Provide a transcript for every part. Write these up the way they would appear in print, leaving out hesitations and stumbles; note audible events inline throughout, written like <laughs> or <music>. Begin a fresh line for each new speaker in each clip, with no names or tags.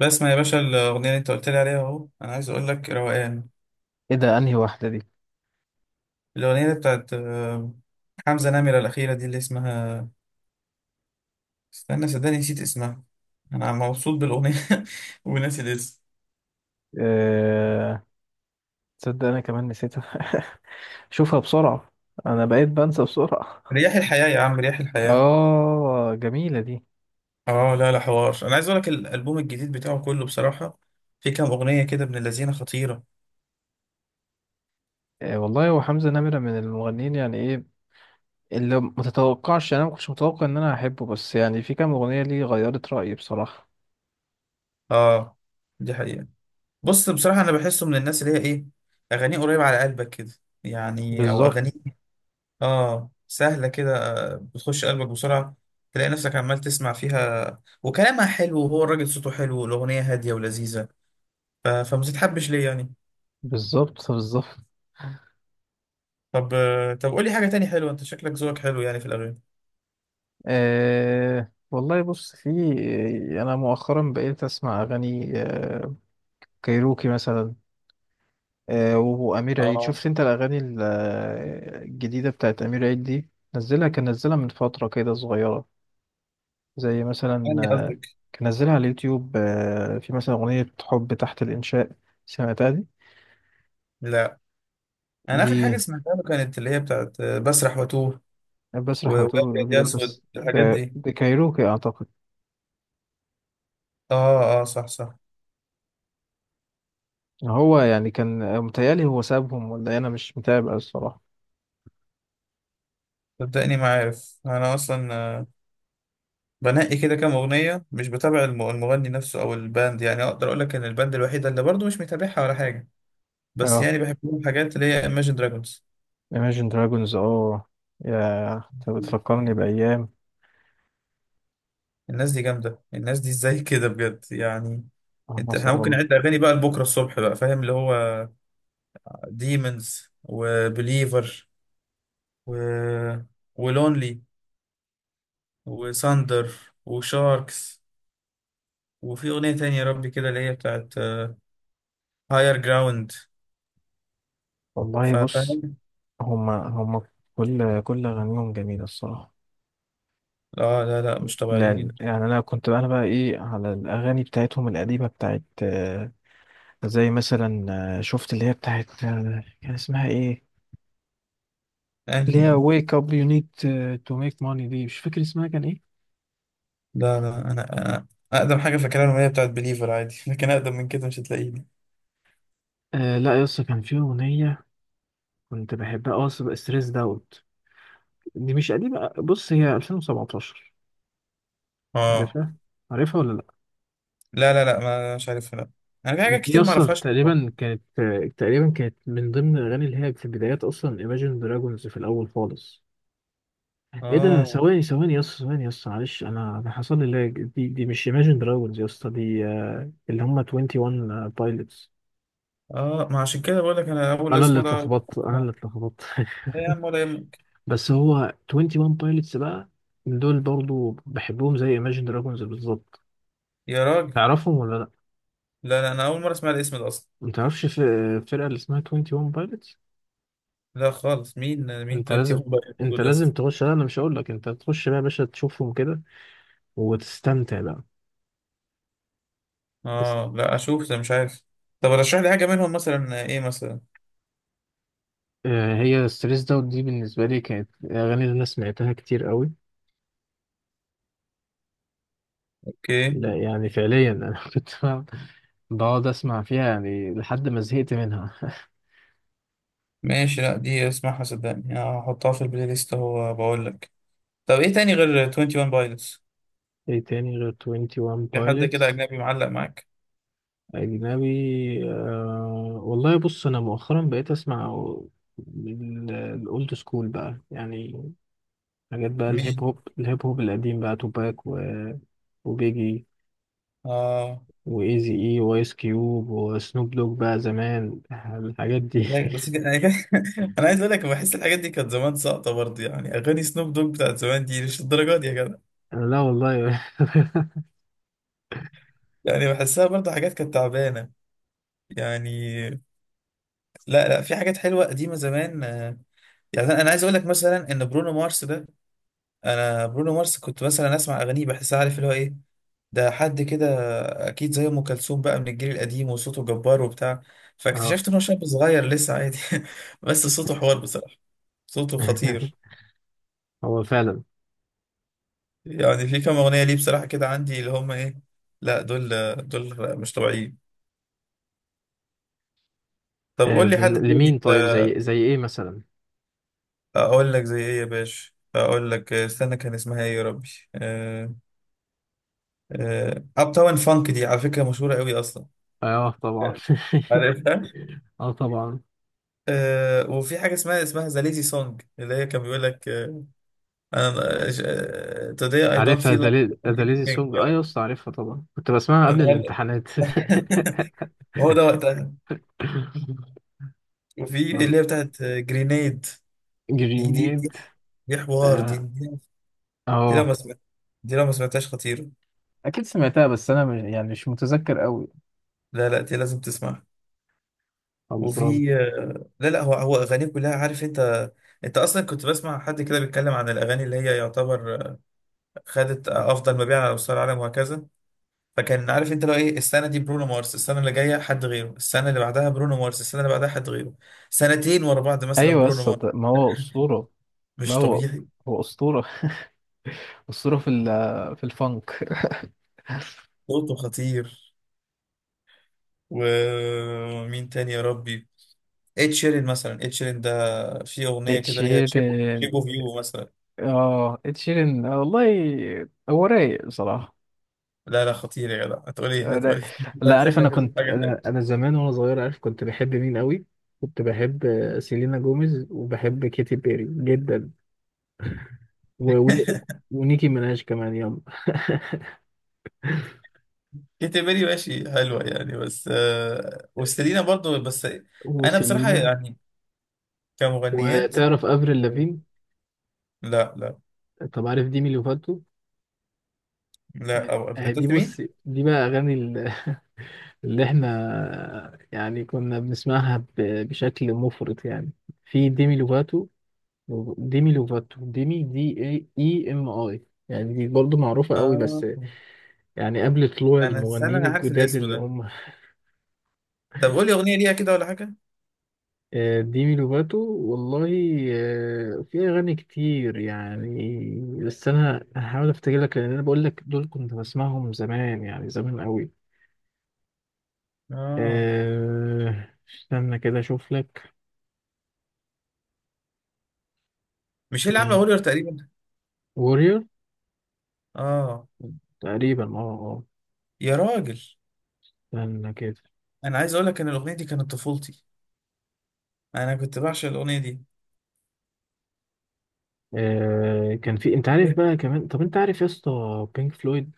بسمع يا باشا الأغنية اللي أنت قلت لي عليها أهو. أنا عايز أقول لك روقان
ايه ده، انهي واحدة دي؟
الأغنية اللي بتاعت حمزة نمرة الأخيرة دي اللي اسمها. استنى، صدقني نسيت اسمها. أنا مبسوط بالأغنية <laughs> وناسي الاسم.
أه... تصدق انا كمان نسيتها. <laughs> شوفها بسرعة. انا بقيت بنسى بسرعة.
رياح الحياة يا عم، رياح الحياة.
اه، جميلة دي.
أه لا لا، حوار. أنا عايز أقول لك الألبوم الجديد بتاعه كله بصراحة، في كام أغنية كده ابن اللذينة خطيرة.
أه والله، هو حمزة نمرة من المغنيين، يعني ايه اللي متتوقعش. انا ما كنتش متوقع ان انا هحبه، بس يعني في كام اغنية ليه غيرت رأيي بصراحة.
أه دي حقيقة. بص بصراحة، أنا بحسه من الناس اللي هي إيه، أغانيه قريبة على قلبك كده. يعني أو
بالظبط،
أغانيه اه سهلة كده، بتخش قلبك بسرعة. تلاقي نفسك عمال تسمع فيها، وكلامها حلو، وهو الراجل صوته حلو، والأغنية هادية ولذيذة. فما تتحبش ليه يعني.
بالظبط، بالظبط.
طب طب قولي حاجة تاني حلوة. أنت شكلك ذوقك حلو يعني في الأغاني.
والله بص، في يعني انا مؤخرا بقيت اسمع اغاني، كايروكي مثلا، وأمير عيد.
اه
شفت أنت الأغاني الجديدة بتاعت أمير عيد دي؟ نزلها، كان نزلها من فترة كده صغيرة، زي مثلا،
أني قصدك.
كان نزلها على اليوتيوب، في مثلا أغنية حب تحت الإنشاء. سمعتها دي؟
لا، أنا
دي
آخر حاجة سمعتها له كانت اللي هي بتاعت بسرح وأتوه.
بسرح على طول
وأبيض يا
جميل،
أسود
بس
الحاجات
ده
دي.
ده كايروكي أعتقد.
اه اه صح صح.
هو يعني كان، متهيألي هو سابهم ولا إيه؟ أنا مش متابع الصراحة.
صدقني ما عارف أنا أصلا، بنقي كده كام أغنية، مش بتابع المغني نفسه أو الباند. يعني أقدر أقول لك إن الباند الوحيدة اللي برضه مش متابعها ولا حاجة، بس
اه،
يعني بحب لهم حاجات، اللي هي Imagine Dragons.
Imagine Dragons، اه. يا أنت بتفكرني بأيام.
الناس دي جامدة، الناس دي إزاي <laughs> كده بجد يعني.
اللهم
أنت
صل
إحنا
على
ممكن نعد
النبي.
أغاني بقى لبكرة الصبح بقى، فاهم اللي هو Demons، وبليفر، و ولونلي، وساندر، وشاركس، وفي أغنية تانية يا ربي كده اللي هي بتاعت هاير جراوند،
والله بص،
فاهم.
هما كل أغانيهم جميلة الصراحة.
لا لا لا، مش
لا
طبيعيين.
يعني، أنا كنت بقى إيه على الأغاني بتاعتهم القديمة بتاعت، زي مثلا، شفت اللي هي بتاعت، كان اسمها إيه؟ اللي
انهي
هي
دي.
wake up you need to make money، دي مش فاكر اسمها كان إيه.
لا لا، أنا اقدم حاجه فاكرها ان هي بتاعت بليفر عادي <laughs> لكن اقدم من كده مش هتلاقيني.
آه لا، يس، كان في أغنية كنت بحبها، أه، ستريس داوت. دي مش قديمة، بص هي 2017.
اه
عارفها؟ عارفها ولا لأ؟
لا لا لا، ما مش عارفها، لا. انا في حاجات
دي
كتير ما
اصلا
اعرفهاش.
تقريبا كانت من ضمن الاغاني اللي هي في بدايات اصلا Imagine Dragons في الاول خالص. ايه ده،
اه
ثواني ثواني يا اسطى، ثواني يا اسطى معلش، انا حصل لي لاج. دي مش Imagine Dragons يا اسطى، دي اللي هم 21 بايلوتس.
اه، ما عشان كده بقول لك، انا اول
انا اللي
اسم ده أول
اتلخبطت، انا اللي
مرة.
اتلخبطت.
لا يا عم ولا يهمك.
<laughs> بس هو 21 بايلوتس بقى، دول برضو بحبهم زي Imagine Dragons بالظبط.
يا راجل
تعرفهم ولا لا؟
لا لا، انا اول مره اسمع الاسم ده اصلا.
ما تعرفش فرقة اللي اسمها 21 Pilots؟
لا خالص، مين
انت
20
لازم
هم بقى.
انت
دول يا
لازم
اسطى.
تخش. لا انا مش هقول لك، انت تخش بقى يا باشا تشوفهم كده وتستمتع بقى. تست...
اه لا اشوف ده مش عارف. طب رشح لي حاجه منهم، مثلا ايه مثلا.
هي ستريس داوت دي بالنسبه لي كانت اغاني اللي انا سمعتها كتير قوي.
اوكي.
لا يعني فعليا انا <laughs> كنت بقعد اسمع فيها يعني لحد ما زهقت منها.
ماشي، لا دي اسمعها، صدقني هحطها في البلاي ليست، هو بقول لك. طب ايه تاني غير 21 بايلوتس.
<laughs> ايه تاني غير 21
في حد كده
بايلوتس؟
أجنبي معلق معاك.
اجنبي، والله بص، انا مؤخرا بقيت اسمع الاولد سكول بقى يعني، حاجات بقى،
مين.
الهيب هوب القديم بقى، توباك وبيجي
آه
وايزي اي، وايس كيوب، وسنوب دوج بقى زمان، الحاجات دي.
لا أنا <laughs> أنا عايز أقول لك بحس الحاجات دي كانت زمان ساقطة برضه. يعني أغاني سنوب دوج بتاعت زمان دي مش الدرجات دي يا جدع.
<laughs> لا والله. <laughs>
يعني بحسها برضه حاجات كانت تعبانة يعني. لا لا، في حاجات حلوة قديمة زمان. يعني أنا عايز أقول لك مثلا إن برونو مارس ده، أنا برونو مارس كنت مثلا أسمع أغانيه بحسها، عارف اللي هو إيه، ده حد كده اكيد زي ام كلثوم بقى من الجيل القديم وصوته جبار وبتاع،
اه.
فاكتشفت ان هو شاب صغير لسه عادي <laughs> بس صوته حوار بصراحه، صوته خطير.
<laughs> هو فعلا.
يعني في كام اغنيه ليه بصراحه كده عندي اللي هم ايه. لا دول، دول مش طبيعيين. طب قول لي حد تاني
لمين
انت.
طيب؟ زي ايه مثلا؟
اقول لك زي ايه يا باشا، اقول لك، استنى كان اسمها ايه يا ربي. اب تاون فانك دي على فكره مشهوره قوي اصلا.
اه طبعا.
عارفها.
<laughs> اه طبعا،
آه وفي حاجه اسمها ذا ليزي سونج، اللي هي كان بيقول لك انا today I don't
عارفها،
feel like
دليل
doing
دليل
anything.
سونج، اه يا اسطى عارفها طبعا، كنت بسمعها
أنا
قبل
النهارده
الامتحانات. <laughs>
<laughs> هو ده وقتها. وفي اللي هي بتاعت جرينيد. دي دي دي,
جرينيد.
دي حوار دي
اه،
دي, دي لو
آه،
ما سمعت، دي لو ما سمعتهاش خطيرة.
اكيد سمعتها، بس انا يعني مش متذكر قوي.
لا لا، دي لازم تسمعها.
خلصان.
وفي لا لا، هو اغانيه كلها، عارف انت. انت اصلا كنت بسمع حد كده بيتكلم عن الاغاني اللي هي يعتبر خدت افضل مبيع على مستوى العالم وهكذا. فكان عارف انت لو ايه، السنه دي برونو مارس، السنه اللي جايه حد غيره، السنه اللي بعدها برونو مارس، السنه اللي بعدها حد غيره، سنتين ورا بعض مثلا
ايوه يا
برونو
اسطى،
مارس.
ما هو اسطوره. لا،
مش
هو
طبيعي.
أسطورة، أسطورة في في الفانك.
صوته خطير. ومين تاني يا ربي. ed شيرين مثلا، ed شيرين ده في
<laughs>
اغنيه
ed
كده اللي هي شيب،
شيرين.
شيب اوف يو مثلا.
اه ed شيرين، والله هو رايق بصراحة.
لا لا، خطير يا جدع. هتقول ايه، هتقول
لا،
ايه <laughs>
لا
أنت
عارف، انا
شكلك هتقول
كنت
حاجه تانيه.
انا زمان وانا صغير، عارف كنت بحب مين قوي؟ كنت بحب، سيلينا جوميز، وبحب كيتي بيري جدا، و... ون-
<laughs>
ونيكي ميناج كمان يلا. <laughs>
كيتي بيري ماشي حلوه يعني، بس وستيلينا برضو، بس انا بصراحه
وسيلينا.
يعني كمغنيات.
وتعرف افريل
آه،
لافين؟
لا لا
طب عارف ديمي لوفاتو؟
لا. انت
دي
قلت
بص،
مين؟
دي بقى اغاني اللي احنا يعني كنا بنسمعها بشكل مفرط يعني. في ديمي لوفاتو لوفاتو ديمي، دي اي اي ام اي، يعني دي برضه معروفة قوي،
اه،
بس يعني قبل طلوع
انا استنى،
المغنيين
انا عارف
الجداد
الاسم
اللي
ده.
هم،
طب قول لي اغنيه ليها كده ولا حاجه.
ديمي لوفاتو. والله، في أغاني كتير يعني، بس أنا هحاول أفتكر لك، لأن أنا بقول لك دول كنت بسمعهم زمان يعني زمان قوي.
اه
استنى كده أشوف لك.
مش هي اللي عامله
يعني
هولير تقريبا.
وورير
اه.
تقريبا، اه
يا راجل،
استنى كده.
انا عايز اقول لك ان الاغنيه دي كانت طفولتي، انا كنت بعشق الاغنيه دي.
آه، كان في، انت عارف
إيه؟
بقى كمان، طب انت عارف يا اسطى بينك فلويد؟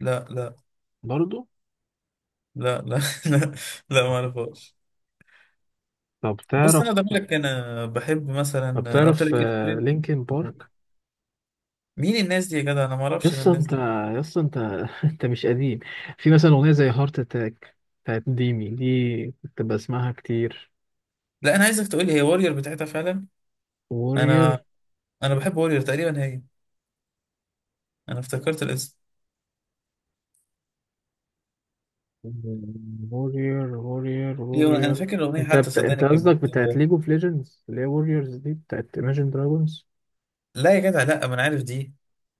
لا لا
برضو.
لا لا <laughs> لا لا، ما اعرفهاش.
طب
بص انا
تعرف؟
ضميرك، انا بحب مثلا،
طب
انا قلت
تعرف
لك إيه،
لينكن بارك؟
مين الناس دي يا جدع، انا ما
يا
اعرفش انا
اسطى
الناس
انت
دي.
يا اسطى انت <laughs> انت مش قديم. في مثلا اغنيه زي هارت اتاك بتاعت ديمي، دي كنت بسمعها كتير.
لا، انا عايزك تقول لي هي واريور بتاعتها فعلا.
وورير
انا انا بحب واريور تقريبا هي، انا افتكرت الاسم. هي انا
وورير
فاكر الاغنيه
انت
حتى
انت
صدقني كانت.
قصدك بتاعت ليج اوف ليجندز اللي هي ووريرز دي بتاعت ايماجين دراجونز،
لا يا جدع لا، ما انا عارف دي.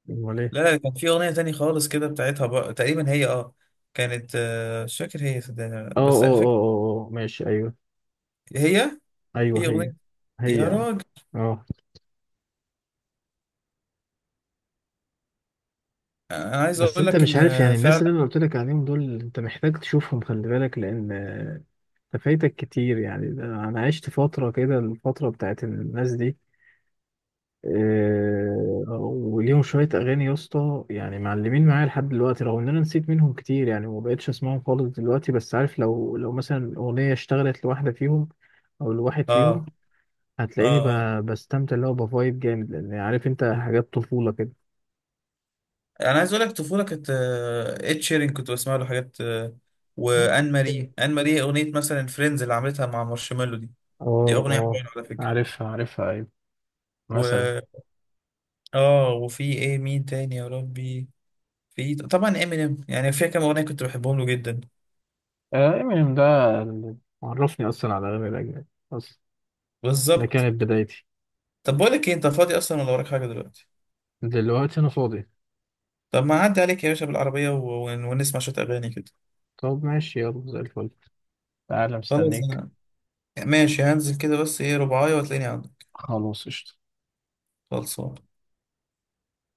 ولا ايه؟
لا لا، كان في اغنيه تانية خالص كده بتاعتها بقى تقريبا هي اه، كانت مش فاكر هي صدقني ولا لأ.
اه
بس
اه
انا
اه
فاكر
اه، ماشي ايوه.
هي في
ايوه هي
اغنيه. يا
هي اه
راجل،
آه.
انا عايز
بس
اقول
انت
لك
مش
ان
عارف يعني، الناس
فعلا.
اللي انا قلت لك عليهم دول انت محتاج تشوفهم، خلي بالك، لان، انت فايتك كتير يعني. ده انا عشت فتره كده الفتره بتاعت الناس دي، وليهم شويه اغاني يا اسطى، يعني معلمين معايا لحد دلوقتي، رغم ان انا نسيت منهم كتير يعني وما بقتش اسمعهم خالص دلوقتي، بس عارف، لو مثلا اغنيه اشتغلت لواحده فيهم او لواحد
اه
فيهم،
اه
هتلاقيني
اه،
بستمتع اللي هو بفايب جامد، لان عارف انت حاجات طفوله
انا عايز اقول لك طفوله كانت اد شيرين كنت بسمع له حاجات، وان
كده.
ماري، ان ماري اغنيه مثلا فريندز اللي عملتها مع مارشميلو دي، دي
اه
اغنيه
اه،
حلوه على فكره.
عارفها عارفها، ايوه. مثلا.
و اه وفي ايه، مين تاني يا ربي. في طبعا امينيم، يعني فيها كام اغنيه كنت بحبهم له جدا.
امينيم ده اللي عرفني اصلا على الاغاني الاجنبي اصلا، ده
بالظبط.
كانت بدايتي.
طب بقول لك ايه، انت فاضي اصلا ولا وراك حاجه دلوقتي.
دلوقتي انا فاضي.
طب ما اعدي عليك يا باشا بالعربيه ونسمع شويه اغاني كده.
طب ماشي، يلا زي الفل، تعالى
خلاص
مستنيك.
انا ماشي، هنزل كده بس ايه رباعية وتلاقيني عندك.
خلاص قشطة.
خلصان.